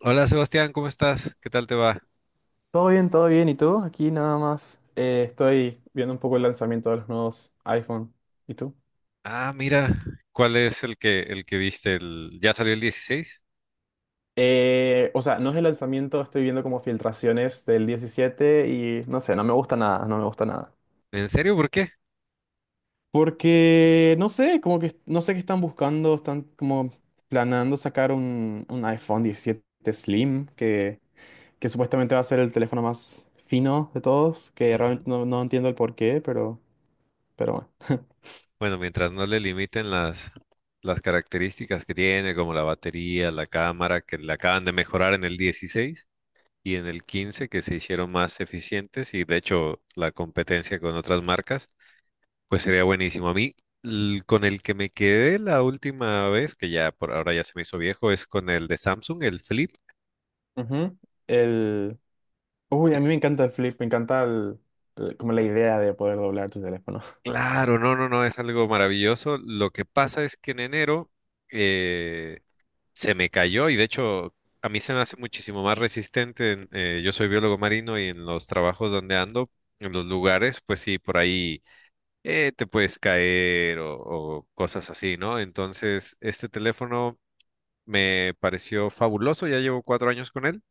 Hola Sebastián, ¿cómo estás? ¿Qué tal te va? Todo bien, todo bien. ¿Y tú? Aquí nada más. Estoy viendo un poco el lanzamiento de los nuevos iPhone. ¿Y tú? Ah, mira, ¿cuál es el que viste? ¿Ya salió el 16? No es el lanzamiento, estoy viendo como filtraciones del 17 y no sé, no me gusta nada, no me gusta nada. ¿En serio? ¿Por qué? Porque, no sé, como que no sé qué están buscando, están como planeando sacar un iPhone 17 Slim, que supuestamente va a ser el teléfono más fino de todos, que realmente Ujú. no, no entiendo el porqué, pero bueno. Bueno, mientras no le limiten las características que tiene, como la batería, la cámara, que le acaban de mejorar en el 16 y en el 15, que se hicieron más eficientes y de hecho la competencia con otras marcas, pues sería buenísimo. A mí, con el que me quedé la última vez, que ya por ahora ya se me hizo viejo, es con el de Samsung, el Flip. Ujú. El, uy, a mí me encanta el flip, me encanta como la idea de poder doblar tu teléfono. Claro, no, no, no, es algo maravilloso. Lo que pasa es que en enero eh, se me cayó y de hecho a mí se me hace muchísimo más resistente. Yo soy biólogo marino y en los trabajos donde ando, en los lugares, pues sí, por ahí te puedes caer o cosas así, ¿no? Entonces, este teléfono me pareció fabuloso, ya llevo 4 años con él.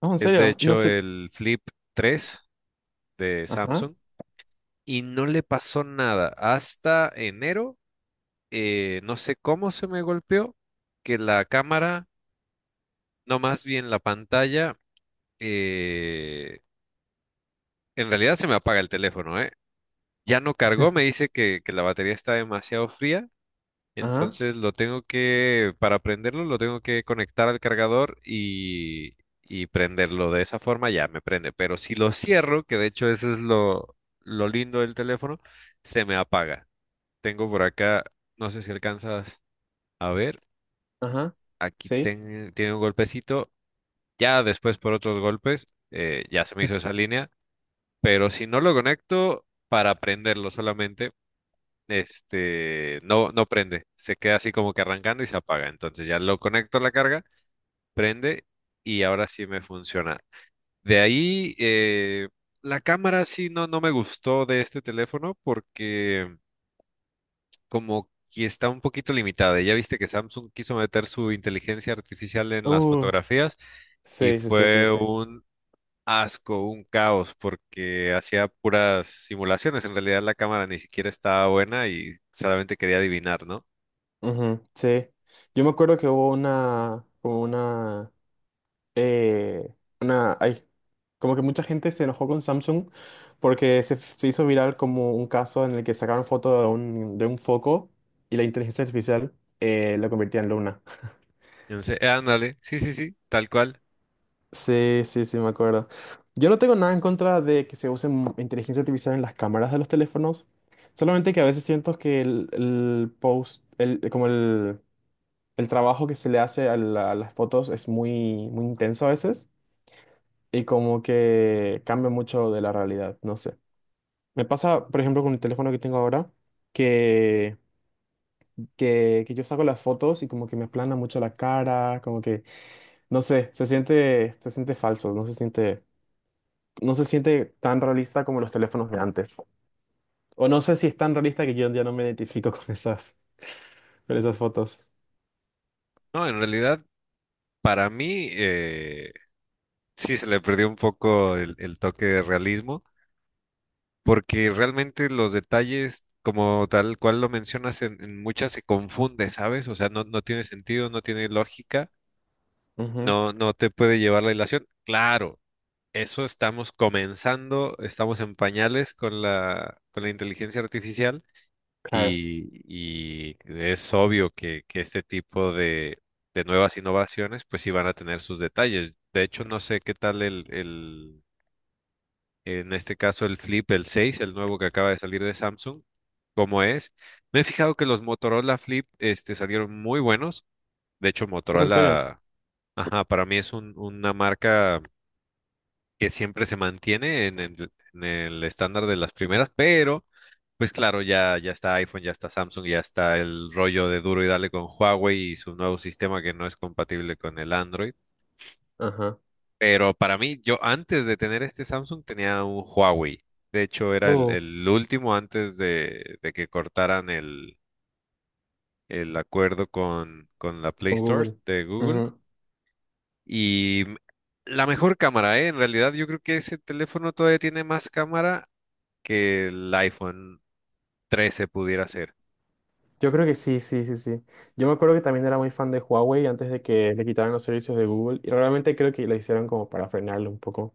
No, en Es de serio, y no hecho sé. el Flip 3 de Ajá, Samsung y no le pasó nada hasta enero, no sé cómo se me golpeó, que la cámara, no, más bien la pantalla, eh, en realidad se me apaga el teléfono, ¿eh? Ya no cargó, me dice que la batería está demasiado fría, ajá, entonces para prenderlo, lo tengo que conectar al cargador y prenderlo. De esa forma ya me prende, pero si lo cierro, que de hecho eso es lo lindo del teléfono, se me apaga. Tengo por acá, no sé si alcanzas a ver. ajá. Aquí Sí. Tiene un golpecito, ya después por otros golpes, ya se me hizo esa línea, pero si no lo conecto para prenderlo solamente, este, no prende, se queda así como que arrancando y se apaga, entonces ya lo conecto a la carga, prende y ahora sí me funciona. De ahí, la cámara sí no me gustó de este teléfono, como que está un poquito limitada. Ya viste que Samsung quiso meter su inteligencia artificial en las Uh, fotografías y sí, sí, sí, sí, fue sí. un asco, un caos, porque hacía puras simulaciones. En realidad la cámara ni siquiera estaba buena y solamente quería adivinar, ¿no? Ujú, sí. Yo me acuerdo que hubo una, como eh, una, ay, como que mucha gente se enojó con Samsung porque se hizo viral como un caso en el que sacaron foto de un foco y la inteligencia artificial la convertía en luna. Entonces, ándale, sí, sí, sí, tal cual. Sí, sí, sí, me acuerdo. Yo no tengo nada en contra de que se use inteligencia artificial en las cámaras de los teléfonos, solamente que a veces siento que el post, el, como el trabajo que se le hace a las fotos es muy, muy intenso a veces y como que cambia mucho de la realidad, no sé. Me pasa, por ejemplo, con el teléfono que tengo ahora, que, que yo saco las fotos y como que me aplana mucho la cara, como que, no sé, se siente falso, no se siente tan realista como los teléfonos de antes. O no sé si es tan realista que yo ya no me identifico con con esas fotos. No, en realidad, para mí, sí se le perdió un poco el toque de realismo. Porque realmente los detalles, como tal cual lo mencionas, en muchas se confunde, ¿sabes? O sea, no, no tiene sentido, no tiene lógica, Ujú, no, no te puede llevar la ilación. Claro, eso estamos comenzando, estamos en pañales con con la inteligencia artificial claro. Y es obvio que este tipo de nuevas innovaciones, pues sí van a tener sus detalles. De hecho, no sé qué tal el, en este caso, el Flip, el 6, el nuevo que acaba de salir de Samsung, como es. Me he fijado que los Motorola Flip este, salieron muy buenos. De hecho, Oh, ¿en serio? Motorola, ajá, para mí es una marca que siempre se mantiene en en el estándar de las primeras, pero pues claro, ya, ya está iPhone, ya está Samsung, ya está el rollo de duro y dale con Huawei y su nuevo sistema que no es compatible con el Android. Ajá. Pero para mí, yo antes de tener este Samsung tenía un Huawei. De hecho, era Uh, el último antes de que cortaran el acuerdo con la Play con Store Google. de Google. Ujú. Y m- la mejor cámara, ¿eh? En realidad, yo creo que ese teléfono todavía tiene más cámara que el iPhone 13 pudiera ser. Yo creo que sí, sí, sí, sí. Yo me acuerdo que también era muy fan de Huawei antes de que le quitaran los servicios de Google y realmente creo que lo hicieron como para frenarlo un poco.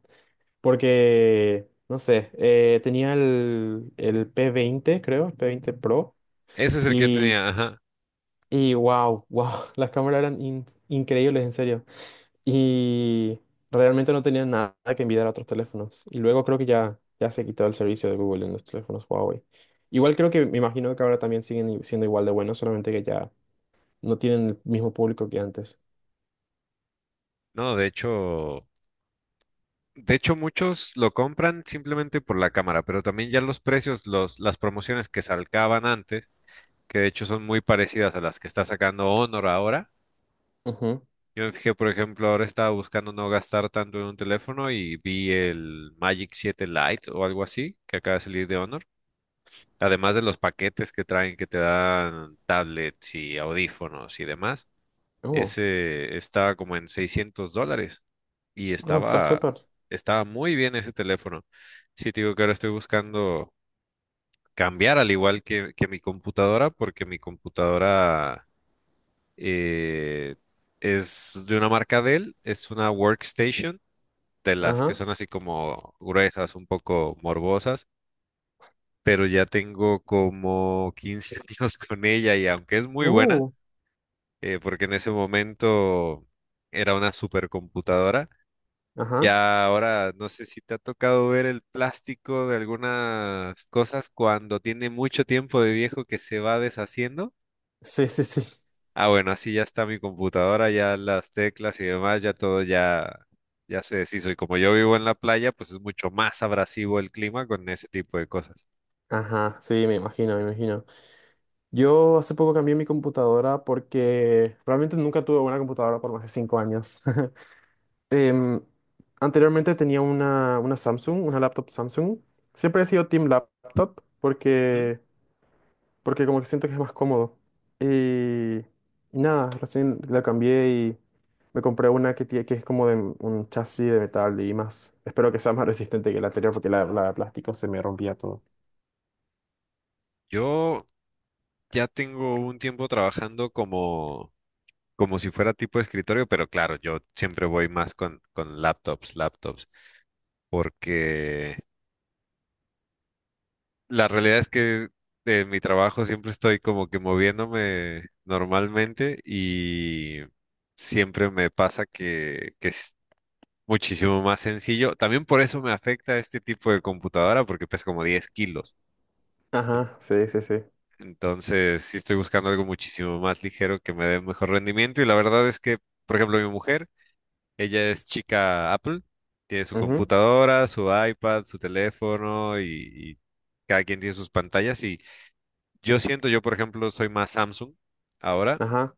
Porque, no sé, tenía el P20, creo, el P20 Pro. Ese es el que yo Y tenía, ajá. y wow, wow, las cámaras eran increíbles, en serio. Y realmente no tenían nada que envidiar a otros teléfonos. Y luego creo que ya, ya se quitó el servicio de Google en los teléfonos Huawei. Igual creo que, me imagino que ahora también siguen siendo igual de buenos, solamente que ya no tienen el mismo público que antes. No, de hecho, muchos lo compran simplemente por la cámara, pero también ya los precios, los, las promociones que salcaban antes, que de hecho son muy parecidas a las que está sacando Honor ahora. Ujú. Yo me fijé, por ejemplo, ahora estaba buscando no gastar tanto en un teléfono y vi el Magic 7 Lite o algo así que acaba de salir de Honor. Además de los paquetes que traen que te dan tablets y audífonos y demás, Oh, ese estaba como en 600 dólares y oh, está estaba, súper. estaba muy bien ese teléfono. Sí, te digo que ahora estoy buscando cambiar al igual que mi computadora porque mi computadora, eh, es de una marca Dell, es una workstation de las que Ajá. son así como gruesas, un poco morbosas, pero ya tengo como 15 años con ella y aunque es muy buena, Uh, porque en ese momento era una supercomputadora, ajá. ya ahora no sé si te ha tocado ver el plástico de algunas cosas cuando tiene mucho tiempo de viejo que se va deshaciendo. Sí, sí, sí. Ah, bueno, así ya está mi computadora, ya las teclas y demás, ya todo ya, ya se deshizo. Y como yo vivo en la playa, pues es mucho más abrasivo el clima con ese tipo de cosas. Ajá, sí, me imagino, me imagino. Yo hace poco cambié mi computadora porque realmente nunca tuve una computadora por más de 5 años. Em, Anteriormente tenía una Samsung, una laptop Samsung. Siempre he sido Team Laptop ¿Mm? porque, porque como que siento que es más cómodo. Y, y nada, recién la cambié y me compré una que es como de un chasis de metal y más. Espero que sea más resistente que la anterior porque la de plástico se me rompía todo. Yo ya tengo un tiempo trabajando como, como si fuera tipo de escritorio, pero claro, yo siempre voy más con laptops, laptops, porque la realidad es que en mi trabajo siempre estoy como que moviéndome normalmente y siempre me pasa que muchísimo más sencillo. También por eso me afecta este tipo de computadora porque pesa como 10 kilos. Ajá, sí, sí, sí. Entonces, sí estoy buscando algo muchísimo más ligero que me dé mejor rendimiento. Y la verdad es que, por ejemplo, mi mujer, ella es chica Apple, tiene su Ujú, computadora, su iPad, su teléfono y cada quien tiene sus pantallas. Y yo siento, yo por ejemplo, soy más Samsung ahora. ajá.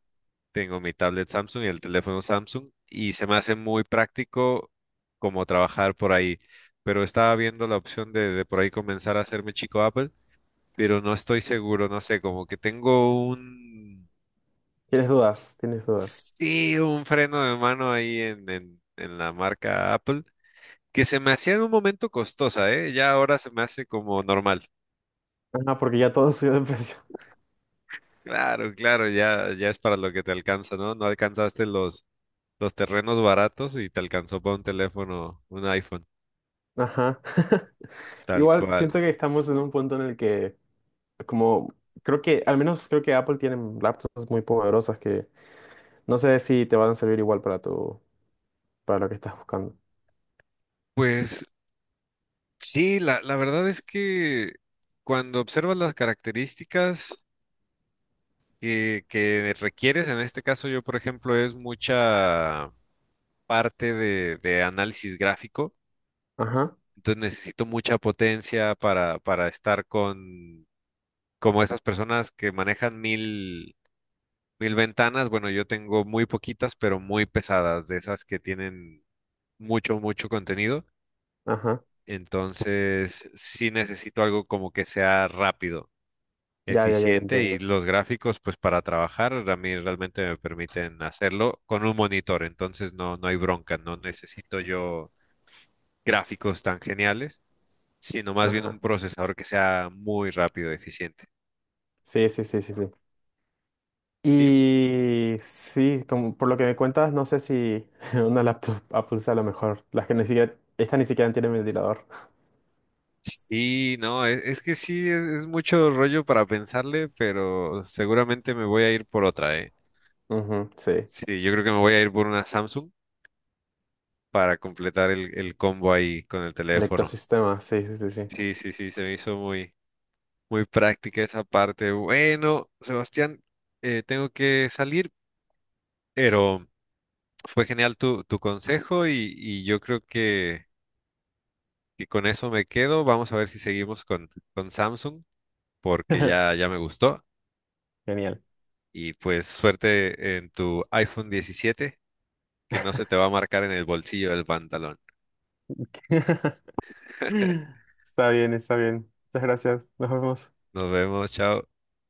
Tengo mi tablet Samsung y el teléfono Samsung y se me hace muy práctico como trabajar por ahí. Pero estaba viendo la opción de por ahí comenzar a hacerme chico Apple, pero no estoy seguro, no sé, como que tengo un, Tienes dudas, tienes dudas. sí, un freno de mano ahí en la marca Apple, que se me hacía en un momento costosa, ¿eh? Ya ahora se me hace como normal. Ajá, porque ya todo subió de precio. Claro, claro, ya, ya es para lo que te alcanza, ¿no? No alcanzaste los terrenos baratos y te alcanzó para un teléfono, un iPhone. Ajá. Tal Igual cual. siento que estamos en un punto en el que como creo que, al menos creo que Apple tiene laptops muy poderosas que no sé si te van a servir igual para tu, para lo que estás buscando. Pues sí, la verdad es que cuando observas las características que requieres, en este caso yo, por ejemplo, es mucha parte de análisis gráfico, Ajá, entonces necesito mucha potencia para estar con como esas personas que manejan mil ventanas, bueno, yo tengo muy poquitas, pero muy pesadas, de esas que tienen mucho, mucho contenido. ajá. Entonces, sí necesito algo como que sea rápido, Ya, ya, ya, ya eficiente y entiendo. los gráficos, pues para trabajar, a mí realmente me permiten hacerlo con un monitor. Entonces, no, no hay bronca, no necesito yo gráficos tan geniales, sino más bien un Ajá. procesador que sea muy rápido, eficiente. Sí, sí, sí, sí, sí. Sí, Y sí, como por lo que me cuentas, no sé si una laptop Apple sea lo mejor. Las que ni siquiera, estas ni siquiera tienen ventilador. sí, no, es que sí, es mucho rollo para pensarle, pero seguramente me voy a ir por otra, ¿eh? Ujú, sí. Sí, yo creo que me voy a ir por una Samsung para completar el combo ahí con el El teléfono. ecosistema, sí, sí, sí, sí. Sí, sí, sí, se me hizo muy, muy práctica esa parte. Bueno, Sebastián, tengo que salir, pero fue genial tu, tu consejo y yo creo que con eso me quedo. Vamos a ver si seguimos con Samsung, porque ya, ya me gustó. Genial. Y pues suerte en tu iPhone 17, que no se te va a marcar en el bolsillo del pantalón. Está bien, está bien. Muchas gracias. Nos vemos. Nos vemos, chao.